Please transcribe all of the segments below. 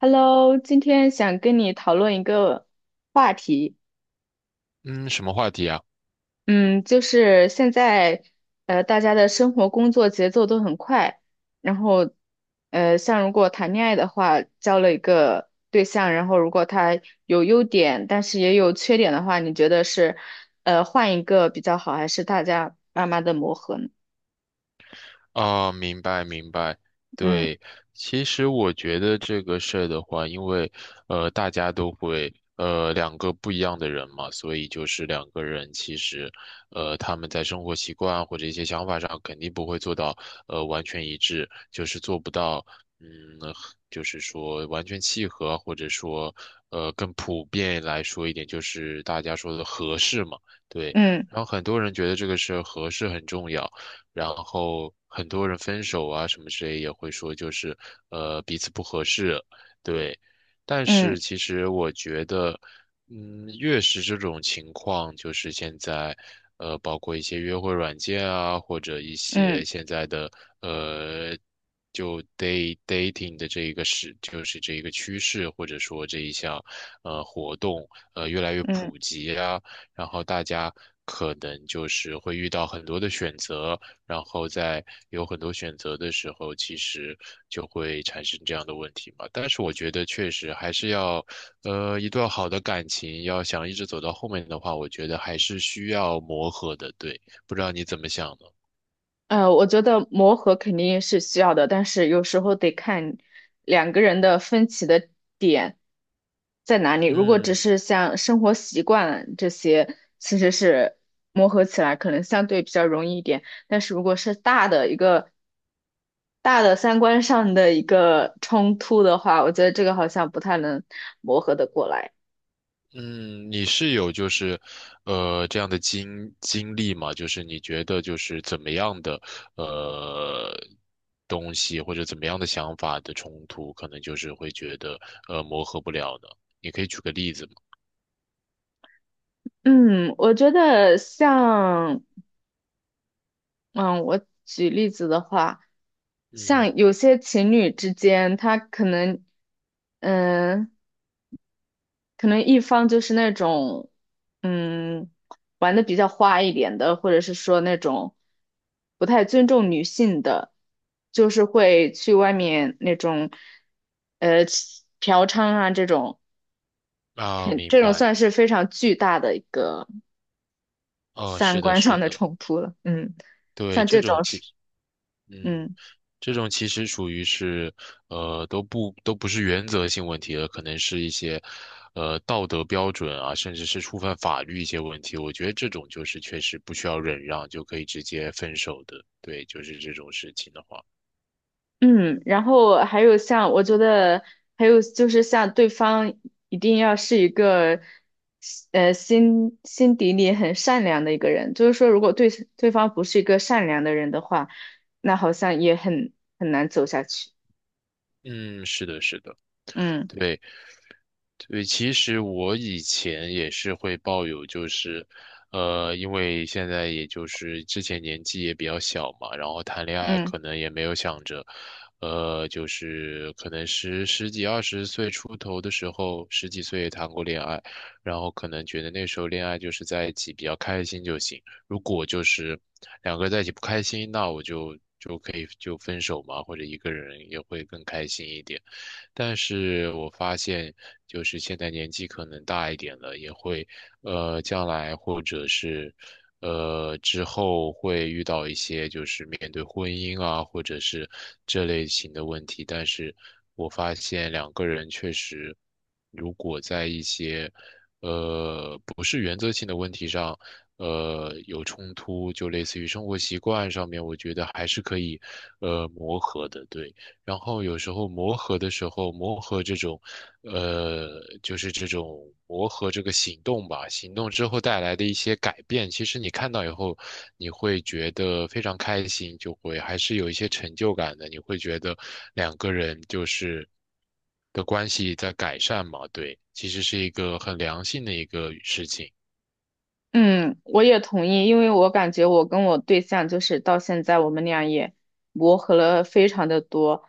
Hello，今天想跟你讨论一个话题，嗯，什么话题啊？嗯，就是现在，大家的生活工作节奏都很快，然后，像如果谈恋爱的话，交了一个对象，然后如果他有优点，但是也有缺点的话，你觉得是，换一个比较好，还是大家慢慢的磨合呢？啊？明白明白。嗯对，其实我觉得这个事儿的话，因为大家都会,两个不一样的人嘛，所以就是两个人其实,他们在生活习惯或者一些想法上肯定不会做到,完全一致，就是做不到嗯，就是说完全契合，或者说,更普遍来说一点，就是大家说的合适嘛。对，嗯然后很多人觉得这个事儿合适很重要。然后很多人分手啊什么之类也会说就是,彼此不合适，对。但嗯是其实我觉得，嗯，越是这种情况，就是现在，包括一些约会软件啊，或者一嗯些现在的呃，就 day dating 的这一个是，就是这一个趋势，或者说这一项,活动，越来越嗯。嗯。普及啊，然后大家可能就是会遇到很多的选择，然后在有很多选择的时候，其实就会产生这样的问题嘛。但是我觉得确实还是要，一段好的感情要想一直走到后面的话，我觉得还是需要磨合的。对，不知道你怎么想呢？我觉得磨合肯定是需要的，但是有时候得看两个人的分歧的点在哪里。如果只嗯。是像生活习惯这些，其实是磨合起来可能相对比较容易一点。但是如果是大的三观上的一个冲突的话，我觉得这个好像不太能磨合的过来。嗯，你是有就是，这样的经历吗？就是你觉得就是怎么样的呃东西或者怎么样的想法的冲突，可能就是会觉得,磨合不了呢？你可以举个例子吗？嗯，我觉得像。嗯，我举例子的话，嗯，像有些情侣之间，他可能，嗯，可能一方就是那种，嗯，玩的比较花一点的，或者是说那种不太尊重女性的，就是会去外面那种，呃，嫖娼啊这种，啊，明这种白。算是非常巨大的一个哦，三是的，观上是的的，冲突了。嗯，对，像这这种种其是。嗯。嗯。这种其实属于是，都不是原则性问题了，可能是一些，道德标准啊，甚至是触犯法律一些问题。我觉得这种就是确实不需要忍让就可以直接分手的，对，就是这种事情的话，嗯，然后还有像，我觉得还有就是像对方一定要是一个，心底里很善良的一个人。就是说，如果对方不是一个善良的人的话，那好像也很难走下去。嗯，是的，是的，嗯对。对，其实我以前也是会抱有，就是，因为现在也就是之前年纪也比较小嘛，然后谈恋爱嗯。可能也没有想着，就是可能十几二十岁出头的时候，十几岁也谈过恋爱，然后可能觉得那时候恋爱就是在一起比较开心就行，如果就是两个人在一起不开心，那我就可以就分手嘛，或者一个人也会更开心一点。但是我发现，就是现在年纪可能大一点了，也会，将来或者是，之后会遇到一些就是面对婚姻啊，或者是这类型的问题。但是我发现两个人确实，如果在一些，不是原则性的问题上，有冲突，就类似于生活习惯上面，我觉得还是可以，磨合的，对。然后有时候磨合的时候，磨合这种，呃，就是这种磨合这个行动吧，行动之后带来的一些改变，其实你看到以后，你会觉得非常开心，就会还是有一些成就感的，你会觉得两个人就是的关系在改善嘛，对，其实是一个很良性的一个事情。嗯，我也同意，因为我感觉我跟我对象就是到现在我们俩也磨合了非常的多，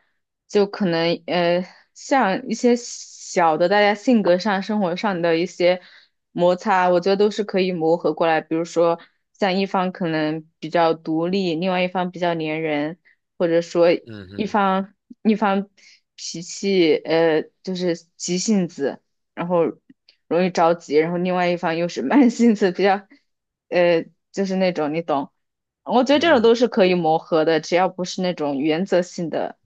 就可能像一些小的大家性格上、生活上的一些摩擦，我觉得都是可以磨合过来。比如说像一方可能比较独立，另外一方比较粘人，或者说嗯一嗯方一方脾气就是急性子。然后容易着急，然后另外一方又是慢性子，比较，呃，就是那种你懂。我觉得这种都嗯，是可以磨合的，只要不是那种原则性的。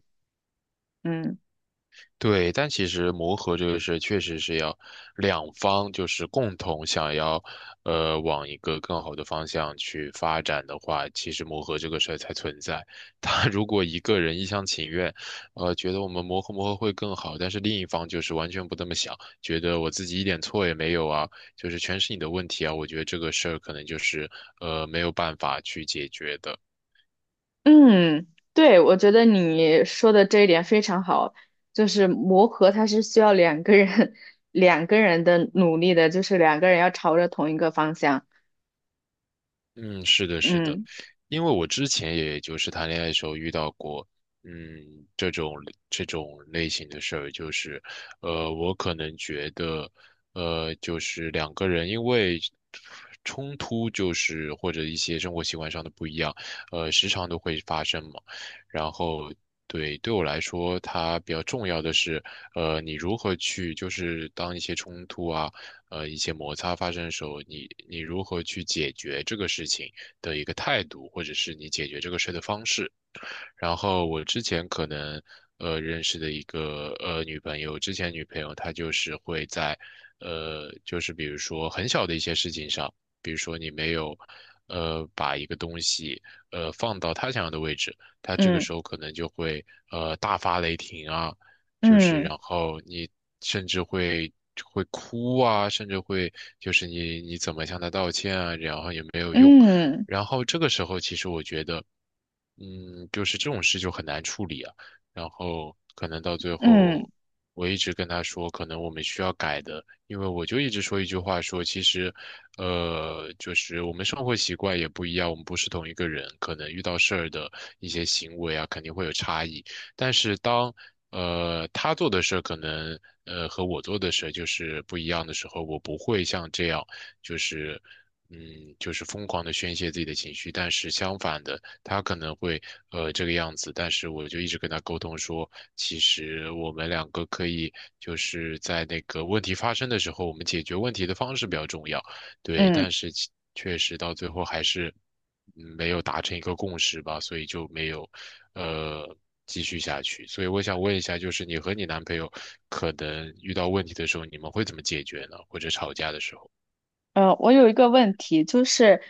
嗯对，但其实磨合这个事确实是要两方就是共同想要，往一个更好的方向去发展的话，其实磨合这个事儿才存在。他如果一个人一厢情愿，觉得我们磨合磨合会更好，但是另一方就是完全不这么想，觉得我自己一点错也没有啊，就是全是你的问题啊，我觉得这个事儿可能就是,没有办法去解决的。嗯，对，我觉得你说的这一点非常好，就是磨合它是需要两个人 两个人的努力的，就是两个人要朝着同一个方向。嗯，是的，是的，嗯因为我之前也就是谈恋爱的时候遇到过，嗯，这种这种类型的事儿，就是，我可能觉得，就是两个人因为冲突，就是或者一些生活习惯上的不一样，时常都会发生嘛。然后，对，对我来说，它比较重要的是，你如何去就是当一些冲突啊。一些摩擦发生的时候，你如何去解决这个事情的一个态度，或者是你解决这个事的方式。然后我之前可能,认识的一个,女朋友，之前女朋友她就是会在,就是比如说很小的一些事情上，比如说你没有,把一个东西,放到她想要的位置，她这个嗯时候可能就会,大发雷霆啊，就是嗯然后你甚至会。会哭啊，甚至会就是你怎么向她道歉啊，然后也没有用。嗯然后这个时候，其实我觉得，嗯，就是这种事就很难处理啊。然后可能到最嗯后，我一直跟他说，可能我们需要改的，因为我就一直说一句话说，其实，就是我们生活习惯也不一样，我们不是同一个人，可能遇到事儿的一些行为啊，肯定会有差异。但是当他做的事儿可能，和我做的事儿就是不一样的时候，我不会像这样，就是嗯，就是疯狂的宣泄自己的情绪，但是相反的，他可能会,这个样子，但是我就一直跟他沟通说，其实我们两个可以就是在那个问题发生的时候，我们解决问题的方式比较重要，对，嗯。但是其确实到最后还是,没有达成一个共识吧，所以就没有呃继续下去，所以我想问一下，就是你和你男朋友可能遇到问题的时候，你们会怎么解决呢？或者吵架的时候，我有一个问题，就是，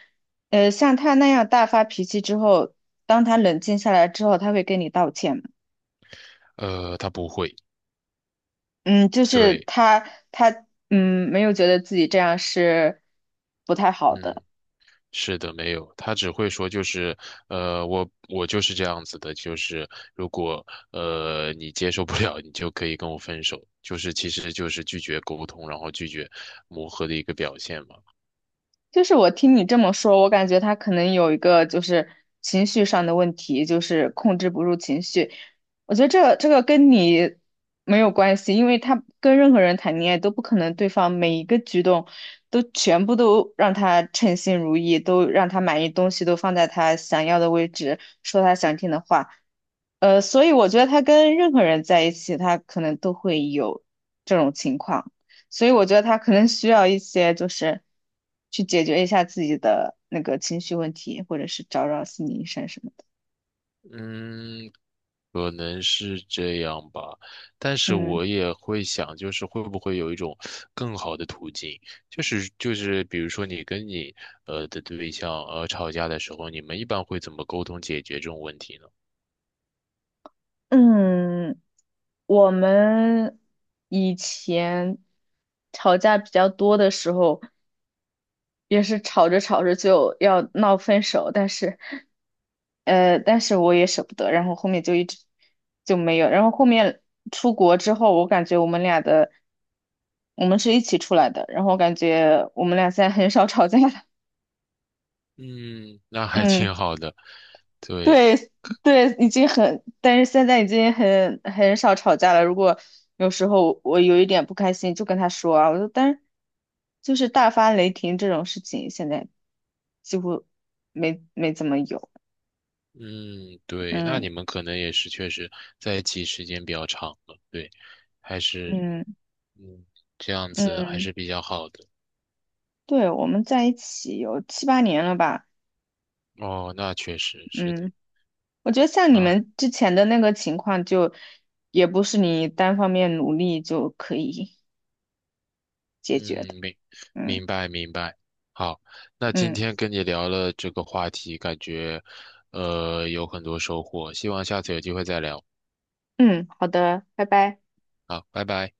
像他那样大发脾气之后，当他冷静下来之后，他会跟你道歉吗？他不会。嗯，就是对，他没有觉得自己这样是不太好嗯，的。是的，没有，他只会说就是，我就是这样子的，就是如果,你接受不了，你就可以跟我分手，就是其实就是拒绝沟通，然后拒绝磨合的一个表现嘛。就是我听你这么说，我感觉他可能有一个就是情绪上的问题，就是控制不住情绪。我觉得这个跟你没有关系，因为他跟任何人谈恋爱都不可能对方每一个举动都全部都让他称心如意，都让他满意，东西都放在他想要的位置，说他想听的话。所以我觉得他跟任何人在一起，他可能都会有这种情况。所以我觉得他可能需要一些，就是去解决一下自己的那个情绪问题，或者是找找心理医生什么的。嗯，可能是这样吧，但是嗯我也会想，就是会不会有一种更好的途径，就是比如说你跟你,的对象,吵架的时候，你们一般会怎么沟通解决这种问题呢？嗯，我们以前吵架比较多的时候，也是吵着吵着就要闹分手，但是我也舍不得，然后后面就一直就没有，然后后面出国之后，我感觉我们俩的，我们是一起出来的，然后我感觉我们俩现在很少吵架了。嗯，那还嗯。挺好的，对，对对，已经很，但是现在已经很少吵架了。如果有时候我有一点不开心，就跟他说啊，我说，但是就是大发雷霆这种事情，现在几乎没怎么有。嗯，对，那嗯你们可能也是确实在一起时间比较长了，对，还是，嗯嗯，这样子还嗯，是比较好的。对，我们在一起有七八年了吧？哦，那确实是的，嗯，我觉得像你那，们之前的那个情况就，也不是你单方面努力就可以解决的。嗯，嗯明白明白。好，那今嗯天跟你聊了这个话题，感觉，有很多收获，希望下次有机会再聊。嗯，好的，拜拜。好，拜拜。